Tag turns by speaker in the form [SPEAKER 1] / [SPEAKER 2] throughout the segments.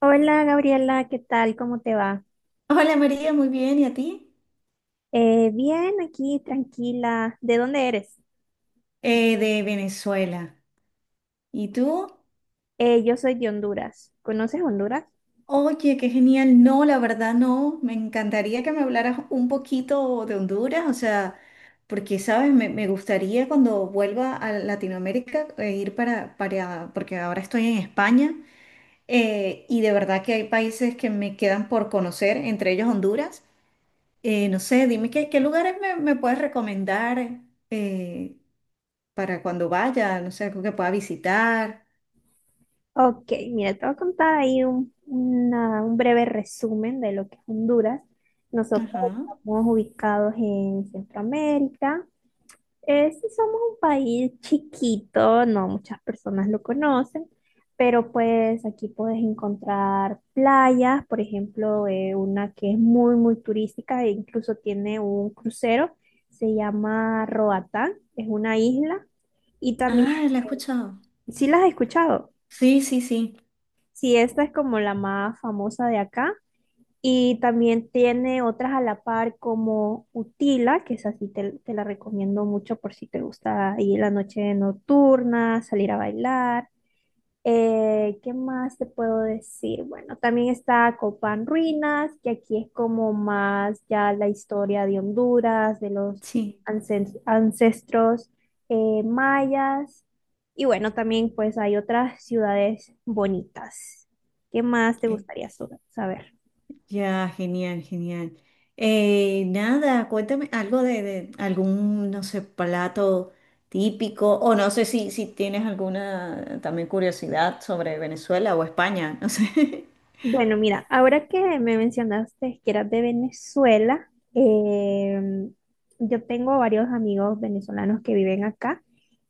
[SPEAKER 1] Hola Gabriela, ¿qué tal? ¿Cómo te va?
[SPEAKER 2] Hola María, muy bien. ¿Y a ti?
[SPEAKER 1] Bien, aquí, tranquila. ¿De dónde eres?
[SPEAKER 2] De Venezuela. ¿Y tú?
[SPEAKER 1] Yo soy de Honduras. ¿Conoces Honduras?
[SPEAKER 2] Oye, qué genial. No, la verdad no. Me encantaría que me hablaras un poquito de Honduras, o sea, porque, ¿sabes? Me gustaría cuando vuelva a Latinoamérica ir para, porque ahora estoy en España, y de verdad que hay países que me quedan por conocer, entre ellos Honduras. No sé, dime qué lugares me puedes recomendar, eh, para cuando vaya, no sé, algo que pueda visitar.
[SPEAKER 1] Ok, mira, te voy a contar ahí un breve resumen de lo que es Honduras. Nosotros
[SPEAKER 2] Ajá.
[SPEAKER 1] estamos ubicados en Centroamérica. Sí, somos un país chiquito, no muchas personas lo conocen, pero pues aquí puedes encontrar playas, por ejemplo, una que es muy, muy turística e incluso tiene un crucero, se llama Roatán, es una isla. Y también,
[SPEAKER 2] Ah, la he escuchado.
[SPEAKER 1] ¿sí las has escuchado?
[SPEAKER 2] Sí, sí, sí,
[SPEAKER 1] Sí, esta es como la más famosa de acá. Y también tiene otras a la par como Utila, que esa sí te la recomiendo mucho por si te gusta ir la noche nocturna, salir a bailar. ¿Qué más te puedo decir? Bueno, también está Copán Ruinas, que aquí es como más ya la historia de Honduras, de los
[SPEAKER 2] sí.
[SPEAKER 1] ancestros mayas. Y bueno, también pues hay otras ciudades bonitas. ¿Qué más te
[SPEAKER 2] Eh,
[SPEAKER 1] gustaría saber?
[SPEAKER 2] Ya, genial, genial. Nada, cuéntame algo de algún, no sé, plato típico, o no sé si tienes alguna también curiosidad sobre Venezuela o España, no sé.
[SPEAKER 1] Bueno, mira, ahora que me mencionaste que eras de Venezuela, em, yo tengo varios amigos venezolanos que viven acá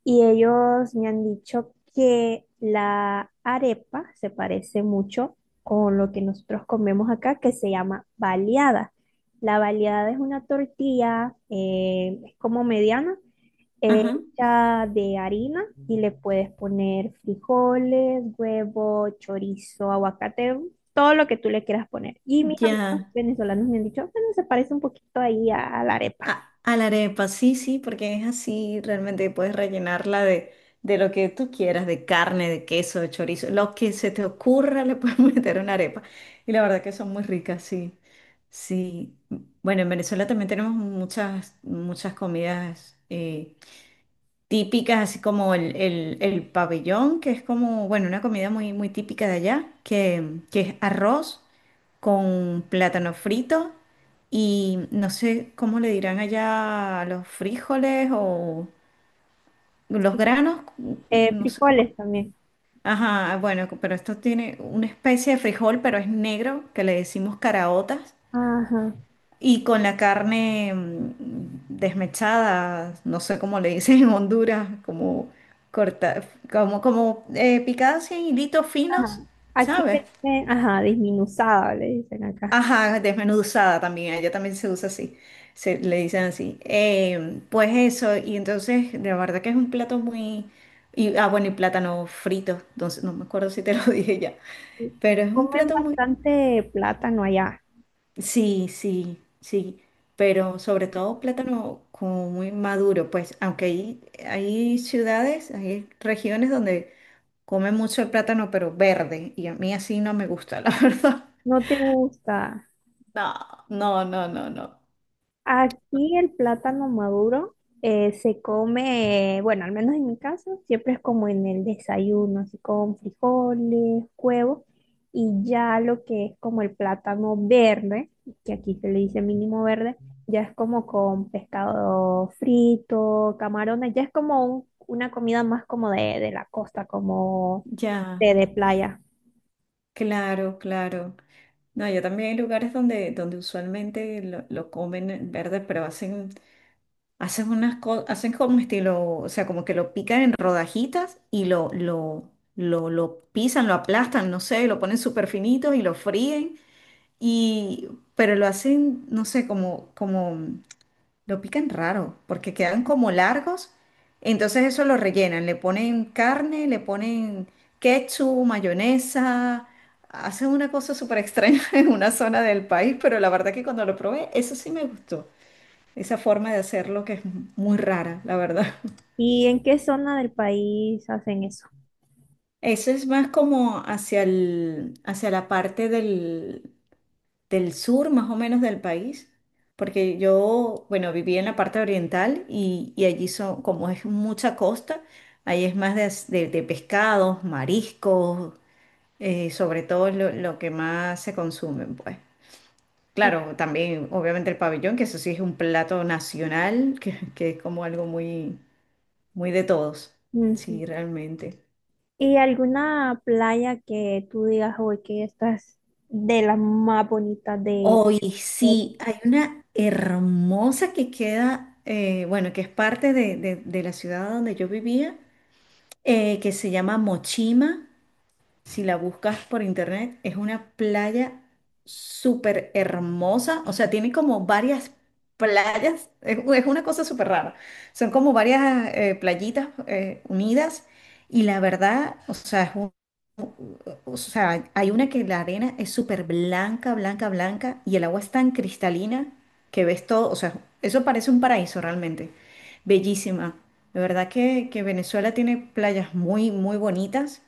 [SPEAKER 1] y ellos me han dicho que la arepa se parece mucho con lo que nosotros comemos acá, que se llama baleada. La baleada es una tortilla, es como mediana eh,
[SPEAKER 2] Ajá.
[SPEAKER 1] hecha de harina y le puedes poner frijoles, huevo, chorizo, aguacate, todo lo que tú le quieras poner. Y mis amigos
[SPEAKER 2] Ya,
[SPEAKER 1] venezolanos me han dicho, bueno, se parece un poquito ahí a la arepa.
[SPEAKER 2] A la arepa, sí, sí, porque es así, realmente puedes rellenarla de lo que tú quieras, de carne, de queso, de chorizo, lo que se te ocurra le puedes meter una arepa. Y la verdad que son muy ricas, sí. Sí. Bueno, en Venezuela también tenemos muchas, muchas comidas típicas, así como el pabellón, que es como, bueno, una comida muy, muy típica de allá, que es arroz con plátano frito y no sé cómo le dirán allá a los frijoles o los
[SPEAKER 1] Sí.
[SPEAKER 2] granos, no sé cómo.
[SPEAKER 1] Frijoles también.
[SPEAKER 2] Ajá, bueno, pero esto tiene una especie de frijol, pero es negro, que le decimos caraotas,
[SPEAKER 1] Ajá,
[SPEAKER 2] y con la carne desmechada, no sé cómo le dicen en Honduras, como corta, como picada así en hilitos finos,
[SPEAKER 1] ajá. Aquí
[SPEAKER 2] ¿sabes?
[SPEAKER 1] le dicen, ajá, desmenuzada, le dicen acá.
[SPEAKER 2] Ajá, desmenuzada también, allá también se usa así, se le dicen así. Pues eso, y entonces, de verdad que es un plato muy... Y, ah, bueno, y plátano frito, entonces no me acuerdo si te lo dije ya,
[SPEAKER 1] Sí.
[SPEAKER 2] pero es un
[SPEAKER 1] Comen
[SPEAKER 2] plato muy...
[SPEAKER 1] bastante plátano allá.
[SPEAKER 2] Sí, sí, sí, pero sobre todo plátano como muy maduro, pues aunque hay ciudades, hay regiones donde comen mucho el plátano, pero verde, y a mí así no me gusta, la verdad.
[SPEAKER 1] No te gusta.
[SPEAKER 2] No, no, no, no, no.
[SPEAKER 1] Aquí el plátano maduro se come, bueno, al menos en mi caso, siempre es como en el desayuno, así con frijoles, huevos, y ya lo que es como el plátano verde, que aquí se le dice mínimo verde, ya es como con pescado frito, camarones, ya es como una comida más como de la costa, como
[SPEAKER 2] Ya.
[SPEAKER 1] de playa.
[SPEAKER 2] Claro, claro. No, yo también hay lugares donde, donde usualmente lo comen verde, pero hacen, hacen unas cosas, hacen como estilo, o sea, como que lo pican en rodajitas y lo pisan, lo aplastan, no sé, lo ponen súper finito y lo fríen, y pero lo hacen, no sé, como, como lo pican raro, porque quedan como largos. Entonces eso lo rellenan, le ponen carne, le ponen ketchup, mayonesa, hacen una cosa súper extraña en una zona del país, pero la verdad que cuando lo probé, eso sí me gustó, esa forma de hacerlo que es muy rara, la verdad.
[SPEAKER 1] ¿Y en qué zona del país hacen eso?
[SPEAKER 2] Eso es más como hacia el, hacia la parte del sur más o menos del país, porque yo, bueno, viví en la parte oriental y allí son, como es mucha costa, ahí es más de, de pescados, mariscos, sobre todo lo que más se consumen, pues. Claro, también obviamente el pabellón, que eso sí es un plato nacional, que es como algo muy, muy de todos.
[SPEAKER 1] Ujú.
[SPEAKER 2] Sí, realmente.
[SPEAKER 1] ¿Y alguna playa que tú digas, hoy que esta es de las más bonitas de...
[SPEAKER 2] Hoy
[SPEAKER 1] de-
[SPEAKER 2] sí, hay una hermosa que queda, bueno, que es parte de, de la ciudad donde yo vivía, que se llama Mochima. Si la buscas por internet, es una playa súper hermosa. O sea, tiene como varias playas. Es, es una cosa súper rara. Son como varias playitas unidas. Y la verdad, o sea, o sea, hay una que la arena es súper blanca, blanca, blanca. Y el agua es tan cristalina que ves todo. O sea, eso parece un paraíso realmente. Bellísima. De verdad que Venezuela tiene playas muy, muy bonitas,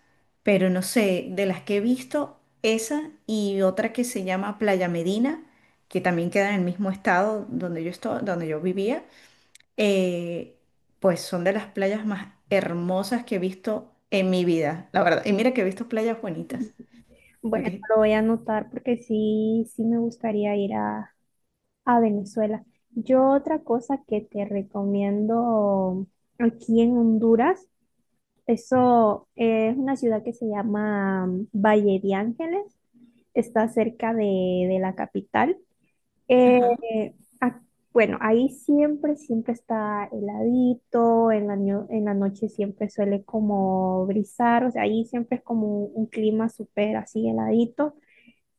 [SPEAKER 2] pero no sé, de las que he visto, esa y otra que se llama Playa Medina, que también queda en el mismo estado donde donde yo vivía, eh, pues son de las playas más hermosas que he visto en mi vida, la verdad. Y mira que he visto playas bonitas,
[SPEAKER 1] Bueno,
[SPEAKER 2] porque,
[SPEAKER 1] lo voy a anotar porque sí, sí me gustaría ir a Venezuela. Yo otra cosa que te recomiendo aquí en Honduras, eso es una ciudad que se llama Valle de Ángeles, está cerca de la capital. Eh,
[SPEAKER 2] ajá,
[SPEAKER 1] ac- bueno, ahí siempre, siempre está heladito, en en la noche siempre suele como brisar, o sea, ahí siempre es como un clima súper así heladito.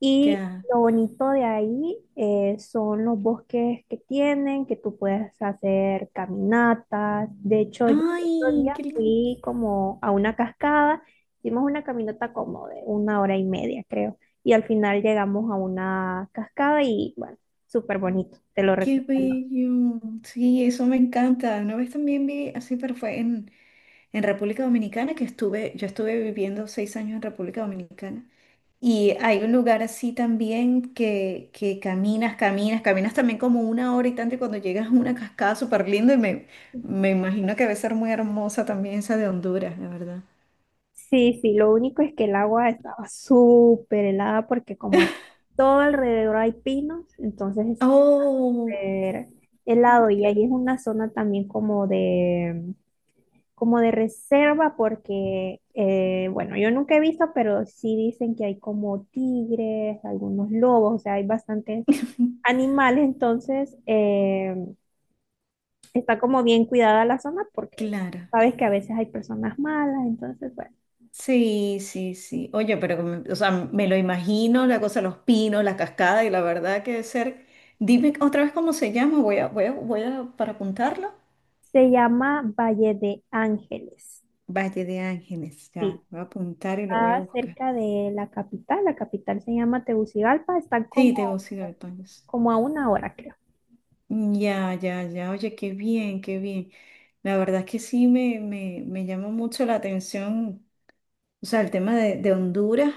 [SPEAKER 1] Y
[SPEAKER 2] ya.
[SPEAKER 1] lo bonito de ahí son los bosques que tienen, que tú puedes hacer caminatas. De hecho, yo el otro
[SPEAKER 2] Ay,
[SPEAKER 1] día fui como a una cascada, hicimos una caminata como de una hora y media, creo. Y al final llegamos a una cascada y bueno, súper bonito, te lo
[SPEAKER 2] qué
[SPEAKER 1] recomiendo.
[SPEAKER 2] bello. Sí, eso me encanta. Una vez también vi así, pero fue en República Dominicana que estuve, yo estuve viviendo 6 años en República Dominicana. Y hay un lugar así también que caminas, caminas, caminas también como una hora y tanto y cuando llegas a una cascada súper linda y me imagino que debe ser muy hermosa también esa de Honduras, la verdad.
[SPEAKER 1] Sí, sí, lo único es que el agua estaba súper helada porque como hay todo alrededor hay pinos, entonces es
[SPEAKER 2] Oh,
[SPEAKER 1] súper helado y ahí es una zona también como de reserva porque, bueno, yo nunca he visto, pero sí dicen que hay como tigres, algunos lobos, o sea, hay bastantes animales, entonces está como bien cuidada la zona porque
[SPEAKER 2] claro.
[SPEAKER 1] sabes que a veces hay personas malas, entonces, bueno.
[SPEAKER 2] Sí, sí, sí. Oye, pero o sea, me lo imagino, la cosa, los pinos, la cascada y la verdad que debe ser... Dime otra vez cómo se llama, voy a, para apuntarlo.
[SPEAKER 1] Se llama Valle de Ángeles.
[SPEAKER 2] Valle de Ángeles, ya,
[SPEAKER 1] Sí,
[SPEAKER 2] voy a apuntar y lo voy a
[SPEAKER 1] está
[SPEAKER 2] buscar.
[SPEAKER 1] cerca de la capital. La capital se llama Tegucigalpa. Está
[SPEAKER 2] Sí,
[SPEAKER 1] como,
[SPEAKER 2] Tegucigalpa.
[SPEAKER 1] como a una hora, creo.
[SPEAKER 2] Ya, ya, ya, oye, qué bien, qué bien. La verdad es que sí me llama mucho la atención, o sea, el tema de Honduras,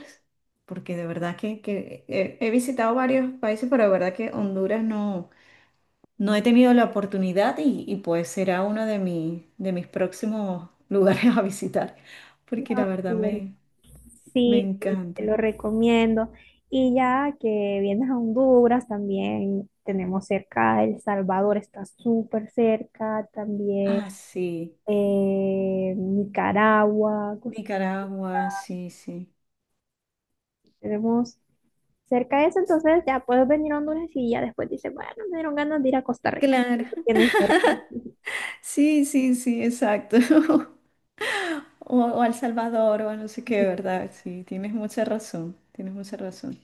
[SPEAKER 2] porque de verdad que he, he visitado varios países, pero de verdad que Honduras no, no he tenido la oportunidad y pues será uno de, de mis próximos lugares a visitar, porque la
[SPEAKER 1] Ah,
[SPEAKER 2] verdad
[SPEAKER 1] súper.
[SPEAKER 2] me
[SPEAKER 1] Sí, sí, te
[SPEAKER 2] encanta.
[SPEAKER 1] lo recomiendo. Y ya que vienes a Honduras, también tenemos cerca El Salvador, está súper cerca. También
[SPEAKER 2] Ah, sí,
[SPEAKER 1] Nicaragua.
[SPEAKER 2] Nicaragua, sí, sí.
[SPEAKER 1] Tenemos cerca de eso, entonces ya puedes venir a Honduras y ya después dices, bueno, me dieron ganas de ir a Costa Rica.
[SPEAKER 2] Claro,
[SPEAKER 1] Lo tienes cerca.
[SPEAKER 2] sí, sí, sí, exacto. O, o a El Salvador o a no sé qué, ¿verdad? Sí, tienes mucha razón, tienes mucha razón.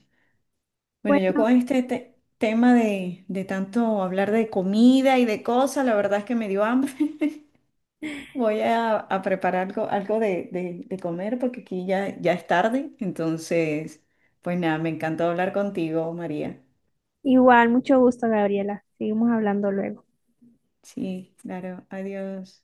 [SPEAKER 2] Bueno, yo
[SPEAKER 1] Bueno,
[SPEAKER 2] con este tema de tanto hablar de comida y de cosas, la verdad es que me dio hambre. A preparar algo, algo de, de comer porque aquí ya, ya es tarde. Entonces, pues nada, me encantó hablar contigo, María.
[SPEAKER 1] igual, mucho gusto, Gabriela. Seguimos hablando luego.
[SPEAKER 2] Sí, claro, adiós.